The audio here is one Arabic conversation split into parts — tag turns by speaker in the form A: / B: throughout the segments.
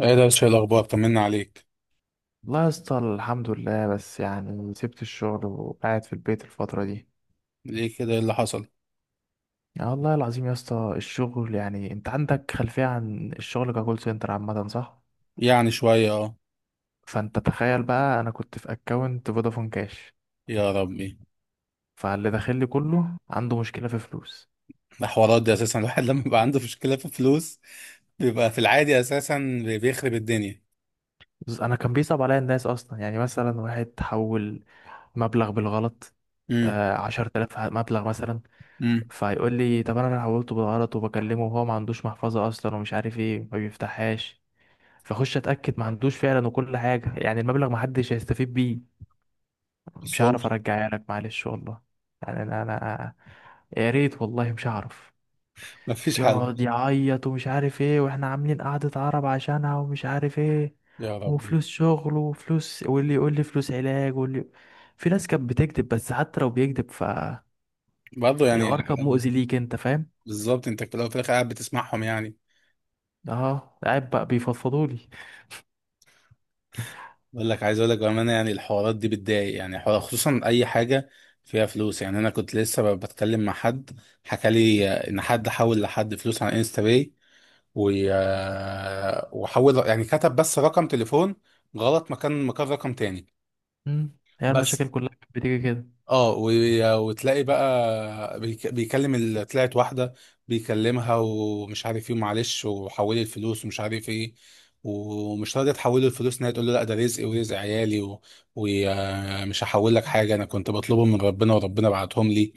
A: ايه ده؟ شايل الاخبار، طمنا عليك.
B: والله يا اسطى الحمد لله، بس يعني سبت الشغل وقاعد في البيت الفترة دي.
A: ليه كده؟ ايه اللي حصل؟
B: يعني والله العظيم يا اسطى الشغل، يعني انت عندك خلفية عن الشغل ككول سنتر عامة صح؟
A: يعني شويه اه.
B: فانت تخيل بقى انا كنت في اكونت فودافون كاش.
A: يا ربي.
B: فاللي داخل لي كله عنده مشكلة في فلوس.
A: الحوارات دي اساسا الواحد لما بيبقى عنده مشكله في فلوس بيبقى في العادي اساسا بيخرب الدنيا.
B: بس انا كان بيصعب عليا الناس اصلا. يعني مثلا واحد حول مبلغ بالغلط،
A: امم.
B: 10,000 مبلغ مثلا.
A: امم.
B: فيقول لي طب انا حولته بالغلط وبكلمه وهو ما عندوش محفظة اصلا ومش عارف ايه، ما بيفتحهاش. فاخش اتاكد ما عندوش فعلا وكل حاجه. يعني المبلغ ما حدش هيستفيد بيه،
A: بس
B: مش
A: هو
B: هعرف
A: مش-
B: ارجعها لك معلش والله. يعني انا، يا ريت والله مش هعرف.
A: مفيش حل.
B: يقعد يعيط ومش عارف ايه، واحنا عاملين قعدة عرب عشانها ومش عارف ايه.
A: يا ربي.
B: وفلوس شغل وفلوس، واللي يقول لي فلوس علاج واللي، في ناس كانت بتكذب. بس حتى لو بيكذب فالحوار
A: برضه يعني
B: كان مؤذي ليك، انت فاهم.
A: بالظبط، انت في الاول وفي الاخر قاعد بتسمعهم يعني.
B: اه، قاعد بقى بيفضفضوا لي.
A: بقول لك، عايز اقول لك بامانه يعني الحوارات دي بتضايق، يعني حوار خصوصا اي حاجه فيها فلوس. يعني انا كنت لسه بتكلم مع حد حكى لي ان حد حول لحد فلوس على انستا باي، وحول يعني كتب بس رقم تليفون غلط، مكان رقم تاني.
B: هي المشاكل
A: بس.
B: كلها كانت بتيجي كده.
A: اه، وتلاقي بقى طلعت واحدة بيكلمها ومش عارف ايه، معلش وحولي الفلوس ومش عارف ايه، ومش راضية تحول له الفلوس. ان هي تقول له: لا، ده رزقي ورزق عيالي ومش هحول لك حاجة، انا كنت بطلبهم من ربنا وربنا بعتهم لي.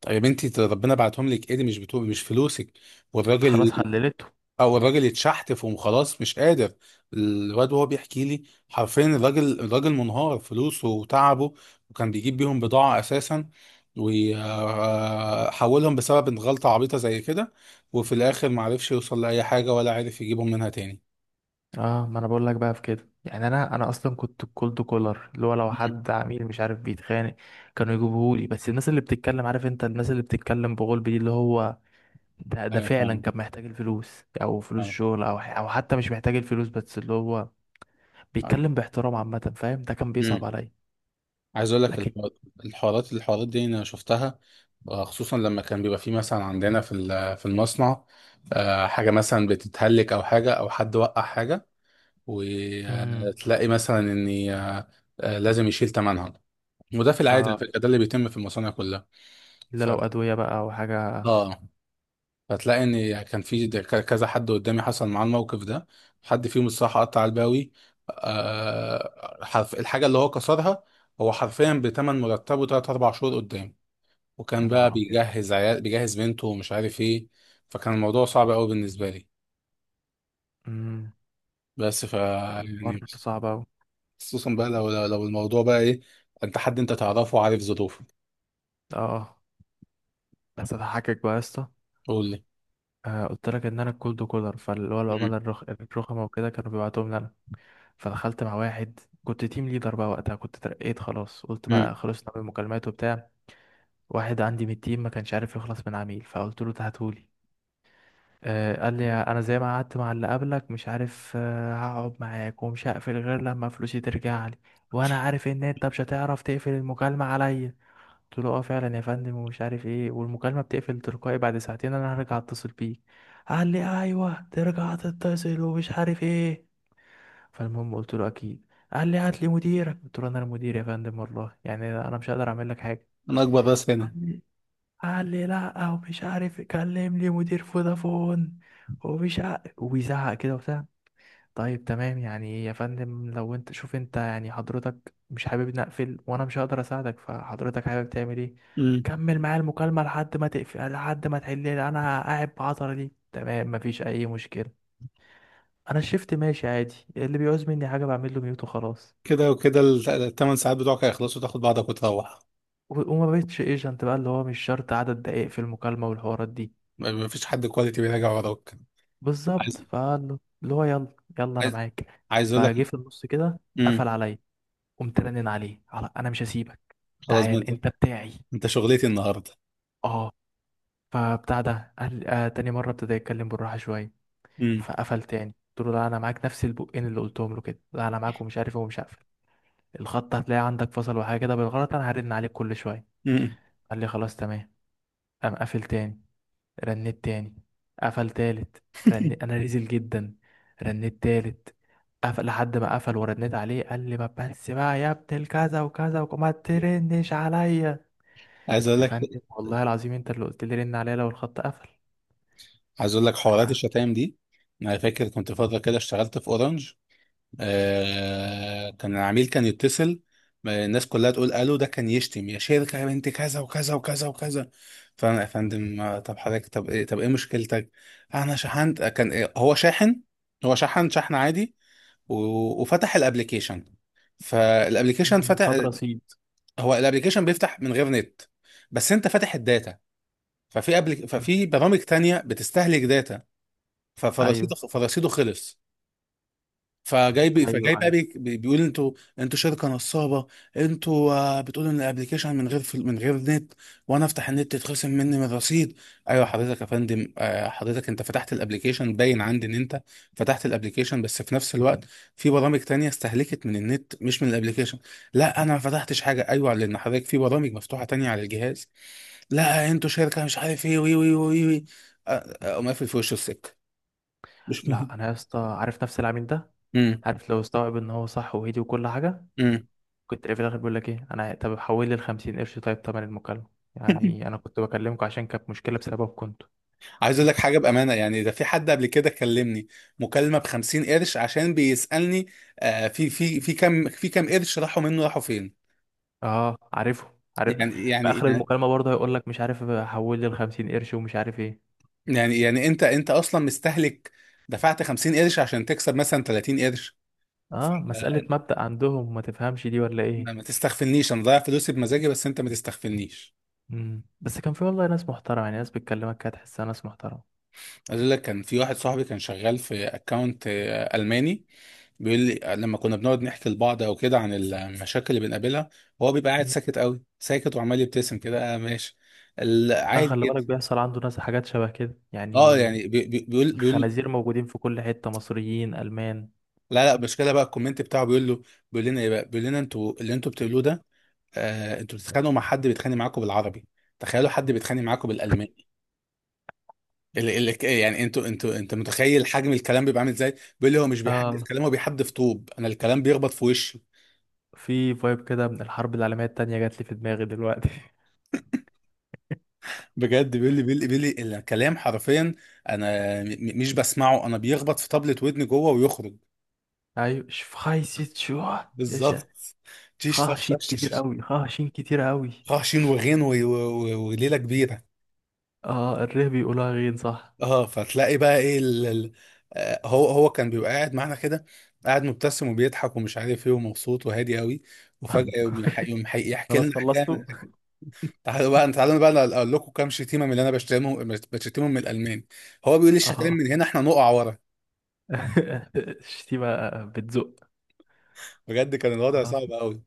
A: طيب انت ربنا بعتهم لك؟ ايه دي؟ مش فلوسك. والراجل
B: خلاص حللته.
A: او الراجل يتشحتف وخلاص مش قادر. الواد وهو بيحكي لي حرفيا، الراجل منهار، فلوسه وتعبه وكان بيجيب بيهم بضاعة اساسا، وحولهم بسبب إن غلطة عبيطة زي كده، وفي الاخر معرفش يوصل لأي حاجة ولا عارف يجيبهم منها تاني.
B: اه، ما انا بقول لك بقى في كده. يعني انا اصلا كنت الكولد كولر، اللي هو لو
A: مم.
B: حد عميل مش عارف بيتخانق كانوا يجيبوهولي. بس الناس اللي بتتكلم، عارف انت الناس اللي بتتكلم بغلب دي، اللي هو ده
A: ايوه،
B: فعلا
A: فاهم.
B: كان محتاج الفلوس او فلوس
A: فاهم.
B: شغل او او حتى مش محتاج الفلوس بس اللي هو بيتكلم باحترام عامه، فاهم؟ ده كان
A: امم.
B: بيصعب عليا.
A: عايز اقول لك
B: لكن.
A: الحوار- الحوارات دي انا شفتها. خصوصا لما كان بيبقى في مثلا عندنا في المصنع، حاجه مثلا بتتهلك او حاجه، او حد وقع حاجه،
B: امم
A: وتلاقي مثلا ان لازم يشيل ثمنها. وده في العادي على
B: اه
A: فكرة، ده اللي بيتم في المصانع كلها.
B: الا
A: ف
B: لو ادويه بقى او حاجه.
A: اه فتلاقي ان كان كذا حد قدامي حصل معاه الموقف ده. حد فيهم الصراحه قطع الباوي، حرف الحاجه اللي هو كسرها. هو حرفيا بتمن مرتبه 3 4 شهور قدام، وكان
B: يا
A: بقى
B: نهار ابيض.
A: بيجهز عيال، بيجهز بنته ومش عارف ايه. فكان الموضوع صعب قوي بالنسبه لي.
B: امم
A: بس ف
B: الحوار
A: يعني،
B: صعب اوي.
A: خصوصا بقى لو الموضوع بقى ايه؟ انت حد انت تعرفه وعارف ظروفه.
B: اه. بس هضحكك بقى يا اسطى.
A: قول لي.
B: قلت لك ان انا الكولد كولر، فاللي هو
A: مم.
B: العملاء الرخمه وكده كانوا بيبعتوهم لي انا. فدخلت مع واحد، كنت تيم ليدر بقى وقتها، كنت ترقيت خلاص، قلت
A: مم.
B: بقى خلصنا من المكالمات وبتاع. واحد عندي من التيم ما كانش عارف يخلص من عميل، فقلت له تهاتولي. قال لي انا زي ما قعدت مع اللي قبلك مش عارف هقعد معاك ومش هقفل غير لما فلوسي ترجع لي، وانا عارف ان انت مش هتعرف تقفل المكالمه عليا. قلت له اه فعلا يا فندم ومش عارف ايه، والمكالمه بتقفل تلقائي بعد ساعتين، انا هرجع اتصل بيك. قال لي ايوه ترجع تتصل ومش عارف ايه. فالمهم قلت له اكيد. قال لي هات لي مديرك. قلت له انا المدير يا فندم والله، يعني انا مش هقدر اعمل لك حاجه.
A: انا اكبر راس هنا.
B: قال لي قال لي لا ومش عارف كلم لي مدير فودافون ومش عارف، وبيزعق كده وبتاع. طيب تمام، يعني يا فندم لو انت شوف انت، يعني حضرتك مش حابب نقفل وانا مش هقدر اساعدك، فحضرتك حابب تعمل ايه؟
A: مم.
B: كمل معايا المكالمة لحد ما تقفل، لحد ما تحل لي. انا قاعد بعطر دي تمام، مفيش اي مشكلة. انا الشفت ماشي عادي، اللي بيعوز مني حاجة بعمل له ميوت وخلاص.
A: كده وكده الثمان ساعات بتوعك هيخلصوا تاخد بعضك وتروح.
B: وما بقتش ايجنت بقى، اللي هو مش شرط عدد دقائق في المكالمة والحوارات دي.
A: مفيش حد كواليتي بيراجع وراك.
B: بالظبط،
A: عايز.
B: فقال له اللي هو يلا يلا انا
A: عايز.
B: معاك.
A: عايز اقول
B: فجه
A: لك.
B: في النص كده، قفل
A: امم.
B: عليا. قمت رنن عليه، على انا مش هسيبك،
A: خلاص، ما
B: تعال
A: انت،
B: انت بتاعي.
A: انت شغلتي النهارده.
B: اه. فبتاع ده قال تاني مرة ابتدى يتكلم بالراحة شوية.
A: امم.
B: فقفل تاني، قلت له لا انا معاك، نفس البقين اللي قلتهم له كده، لا انا معاك ومش عارف إيه ومش هقفل الخط، هتلاقي عندك فصل وحاجة كده بالغلط، انا هرن عليك كل شوية.
A: امم.
B: قال لي خلاص تمام. قام قافل تاني، رنيت تاني، قفل تالت، رنيت انا رزل جدا، رنيت تالت، قفل، لحد ما قفل ورنيت عليه قال لي ما بس بقى يا ابن الكذا وكذا وما ترنش عليا.
A: عايز اقول
B: يا
A: لك.
B: فندم والله العظيم انت اللي قلت لي رن عليا لو الخط قفل.
A: عايز اقول لك حوارات الشتايم دي. انا فاكر كنت فتره كده اشتغلت في اورنج. آه، كان العميل كان يتصل، ما الناس كلها تقول الو، ده كان يشتم يا شركه يا بنت كذا وكذا وكذا وكذا. فانا: يا فندم، طب حضرتك، طب ايه، طب ايه مشكلتك؟ انا شحنت كان إيه؟ هو شاحن، هو شحن، شحن عادي وفتح الابليكيشن، فالابليكيشن
B: مم.
A: فتح.
B: هدرة سيد.
A: هو الابليكيشن بيفتح من غير نت، بس انت فاتح الداتا.
B: مم.
A: ففي برامج تانية بتستهلك داتا.
B: ايوه
A: فرصيده خلص. فجاي فجاي بقى
B: ايوه.
A: بيقول: انتوا، انتوا شركه نصابه، انتوا بتقولوا ان الابلكيشن من غير من غير نت، وانا افتح النت يتخصم مني من الرصيد. ايوه حضرتك، يا فندم، حضرتك انت فتحت الابلكيشن، باين عندي ان انت فتحت الابلكيشن بس في نفس الوقت في برامج تانية استهلكت من النت، مش من الابلكيشن. لا، انا ما فتحتش حاجه. ايوه، لان حضرتك في برامج مفتوحه تانية على الجهاز. لا، انتوا شركه مش عارف ايه، وي وي وي وي. اقوم قافل في وشه السكه. مش
B: لا
A: مهم.
B: انا يا اسطى عارف نفس العميل ده،
A: امم.
B: عارف لو استوعب ان هو صح وهدي وكل حاجه،
A: امم.
B: كنت في الاخر بيقول لك ايه: انا طب حول لي ال 50 قرش طيب تمن المكالمه، يعني انا كنت بكلمكم عشان كانت مشكله بسببكم انتوا.
A: عايز اقول لك حاجه بامانه، يعني ده في حد قبل كده كلمني مكالمه ب 50 قرش عشان بيسالني في كام، في كام قرش راحوا منه؟ راحوا فين؟
B: اه، عارف.
A: يعني يعني
B: في اخر
A: يعني
B: المكالمه برضه هيقول لك مش عارف حول لي ال 50 قرش ومش عارف ايه.
A: يعني انت اصلا مستهلك، دفعت 50 قرش عشان تكسب مثلا 30 قرش. ف-
B: اه، مساله
A: آه،
B: مبدأ عندهم ما تفهمش دي ولا
A: ما
B: ايه.
A: تستغفلنيش، انا ضايع فلوسي بمزاجي بس انت ما تستغفلنيش.
B: مم. بس كان في والله ناس محترمه، يعني ناس بتكلمك كده تحسها ناس محترمه.
A: عايز اقول لك كان في واحد صاحبي كان شغال في اكونت الماني. بيقول لي، لما كنا بنقعد نحكي لبعض او كده عن المشاكل اللي بنقابلها، هو بيبقى قاعد ساكت قوي ساكت وعمال يبتسم كده، آه ماشي،
B: لا
A: عادي
B: خلي
A: جدا.
B: بالك بيحصل عنده ناس حاجات شبه كده
A: اه
B: يعني.
A: يعني بيقول.
B: الخنازير موجودين في كل حتة، مصريين ألمان.
A: لا لا، المشكله بقى الكومنت بتاعه بيقول له، بيقول لنا ايه بقى؟ بيقول لنا: انتوا اللي انتوا بتقولوه ده، آه انتوا بتتخانقوا مع حد بيتخانق معاكم بالعربي، تخيلوا حد بيتخانق معاكم بالالماني. ال ال يعني انتوا، انت متخيل حجم الكلام بيبقى عامل ازاي؟ بيقول لي هو مش بيحدف
B: اه،
A: كلام، هو بيحدف طوب. انا الكلام بيخبط في وشي.
B: في فايب كده من الحرب العالمية التانية جات لي في دماغي دلوقتي.
A: بجد، بيقول لي الكلام حرفيا انا مش بسمعه، انا بيخبط في طبلة ودني جوه ويخرج.
B: أيوة شفايسيت شو. إيش.
A: بالظبط. تيش تش
B: خاشيت
A: تش تش
B: كتير
A: تش.
B: أوي، خاشين كتير أوي.
A: خاشين وغين وليله كبيره.
B: آه الره بيقولها غين صح.
A: اه، فتلاقي بقى ايه ال ال هو كان بيبقى قاعد معانا كده، قاعد مبتسم وبيضحك ومش عارف ايه ومبسوط وهادي قوي، وفجأة يقوم يح- يقوم حي- يحكي
B: خلاص
A: لنا
B: خلصتوا؟
A: حكاية: تعالوا بقى، تعالوا بقى اقول لكم كام شتيمه من اللي انا بشتمهم، بشتمهم من الالمان. هو بيقول لي الشتايم
B: آه.
A: من هنا احنا نقع ورا.
B: الشتيمة بتزق.
A: بجد كان الوضع صعب قوي.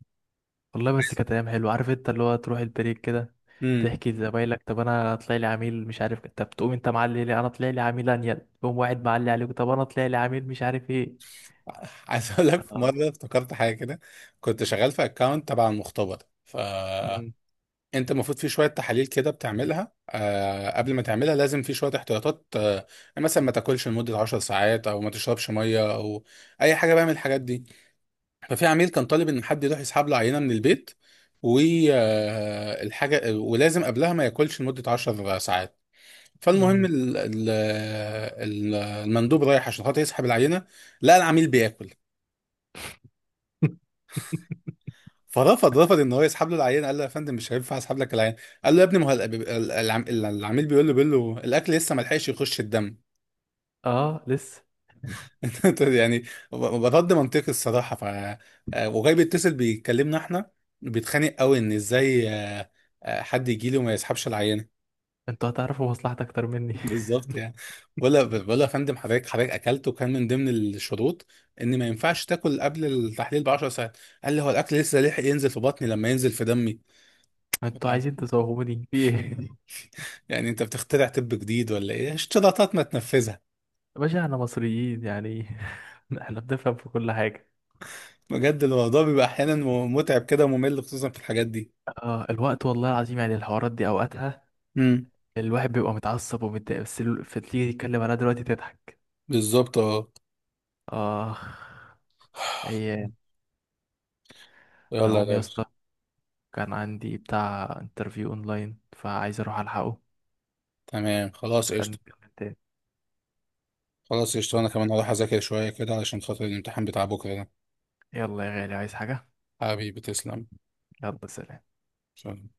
B: والله بس
A: عايز.
B: كانت ايام حلوه، عارف انت اللي هو تروح البريك كده،
A: امم.
B: تحكي لزمايلك طب انا طلع لي عميل مش عارف، طب تقوم انت معلي لي انا طلع لي عميل انيل، تقوم واحد معلي عليك طب انا طلع لي عميل مش عارف ايه.
A: عايز اقول لك في
B: اه.
A: مره افتكرت حاجه كده، كنت شغال في اكونت تبع المختبر. ف
B: مم.
A: انت المفروض في شويه تحاليل كده بتعملها، قبل ما تعملها لازم في شويه احتياطات، مثلا ما تاكلش لمده 10 ساعات، او ما تشربش ميه، او اي حاجه بقى من الحاجات دي. ففي عميل كان طالب ان حد يروح يسحب له عينه من البيت، والحاجه ولازم قبلها ما ياكلش لمده 10 ساعات. فالمهم
B: امم
A: المندوب رايح عشان خاطر يسحب العينه، لقى العميل بياكل. فرفض، ان هو يسحب له العينه. قال له: يا فندم مش هينفع اسحب لك العينه. قال له: يا ابني ما هو العميل بيقول له، بيقول له الاكل لسه ما لحقش يخش الدم.
B: اه لسه.
A: طيب يعني برد منطقي الصراحه. ف وجاي بيتصل بيكلمنا احنا، بيتخانق قوي ان ازاي حد يجي لي وما يسحبش العينه؟
B: انتوا هتعرفوا مصلحتي اكتر مني.
A: بالظبط يعني. ولا ولا يا فندم، حضرتك حضرتك اكلت وكان من ضمن الشروط ان ما ينفعش تاكل قبل التحليل ب 10 ساعات. قال لي هو الاكل لسه لحق ينزل في بطني لما ينزل في دمي؟
B: انتوا عايزين تزوهوني في ايه؟
A: يعني انت بتخترع طب جديد ولا ايه؟ اشتراطات ما تنفذها.
B: يا باشا احنا مصريين، يعني احنا بنفهم في كل حاجه.
A: بجد الموضوع بيبقى احيانا متعب كده وممل، خصوصا في الحاجات دي.
B: اه، الوقت والله العظيم يعني الحوارات دي اوقاتها
A: امم.
B: الواحد بيبقى متعصب ومتضايق، بس فتيجي تتكلم عليها دلوقتي تضحك.
A: بالظبط، اه.
B: آه. أيام. أنا
A: يلا
B: أقوم
A: يا
B: يا
A: باشا.
B: اسطى، كان عندي بتاع انترفيو أونلاين، فعايز أروح ألحقه.
A: تمام خلاص
B: نبقى
A: قشطة.
B: نتكلم تاني.
A: خلاص قشطة، أنا كمان هروح أذاكر شوية كده علشان خاطر الامتحان بتاع بكرة ده.
B: يلا يا غالي، عايز حاجة؟
A: حبيبي تسلم.
B: يلا سلام.
A: سلام.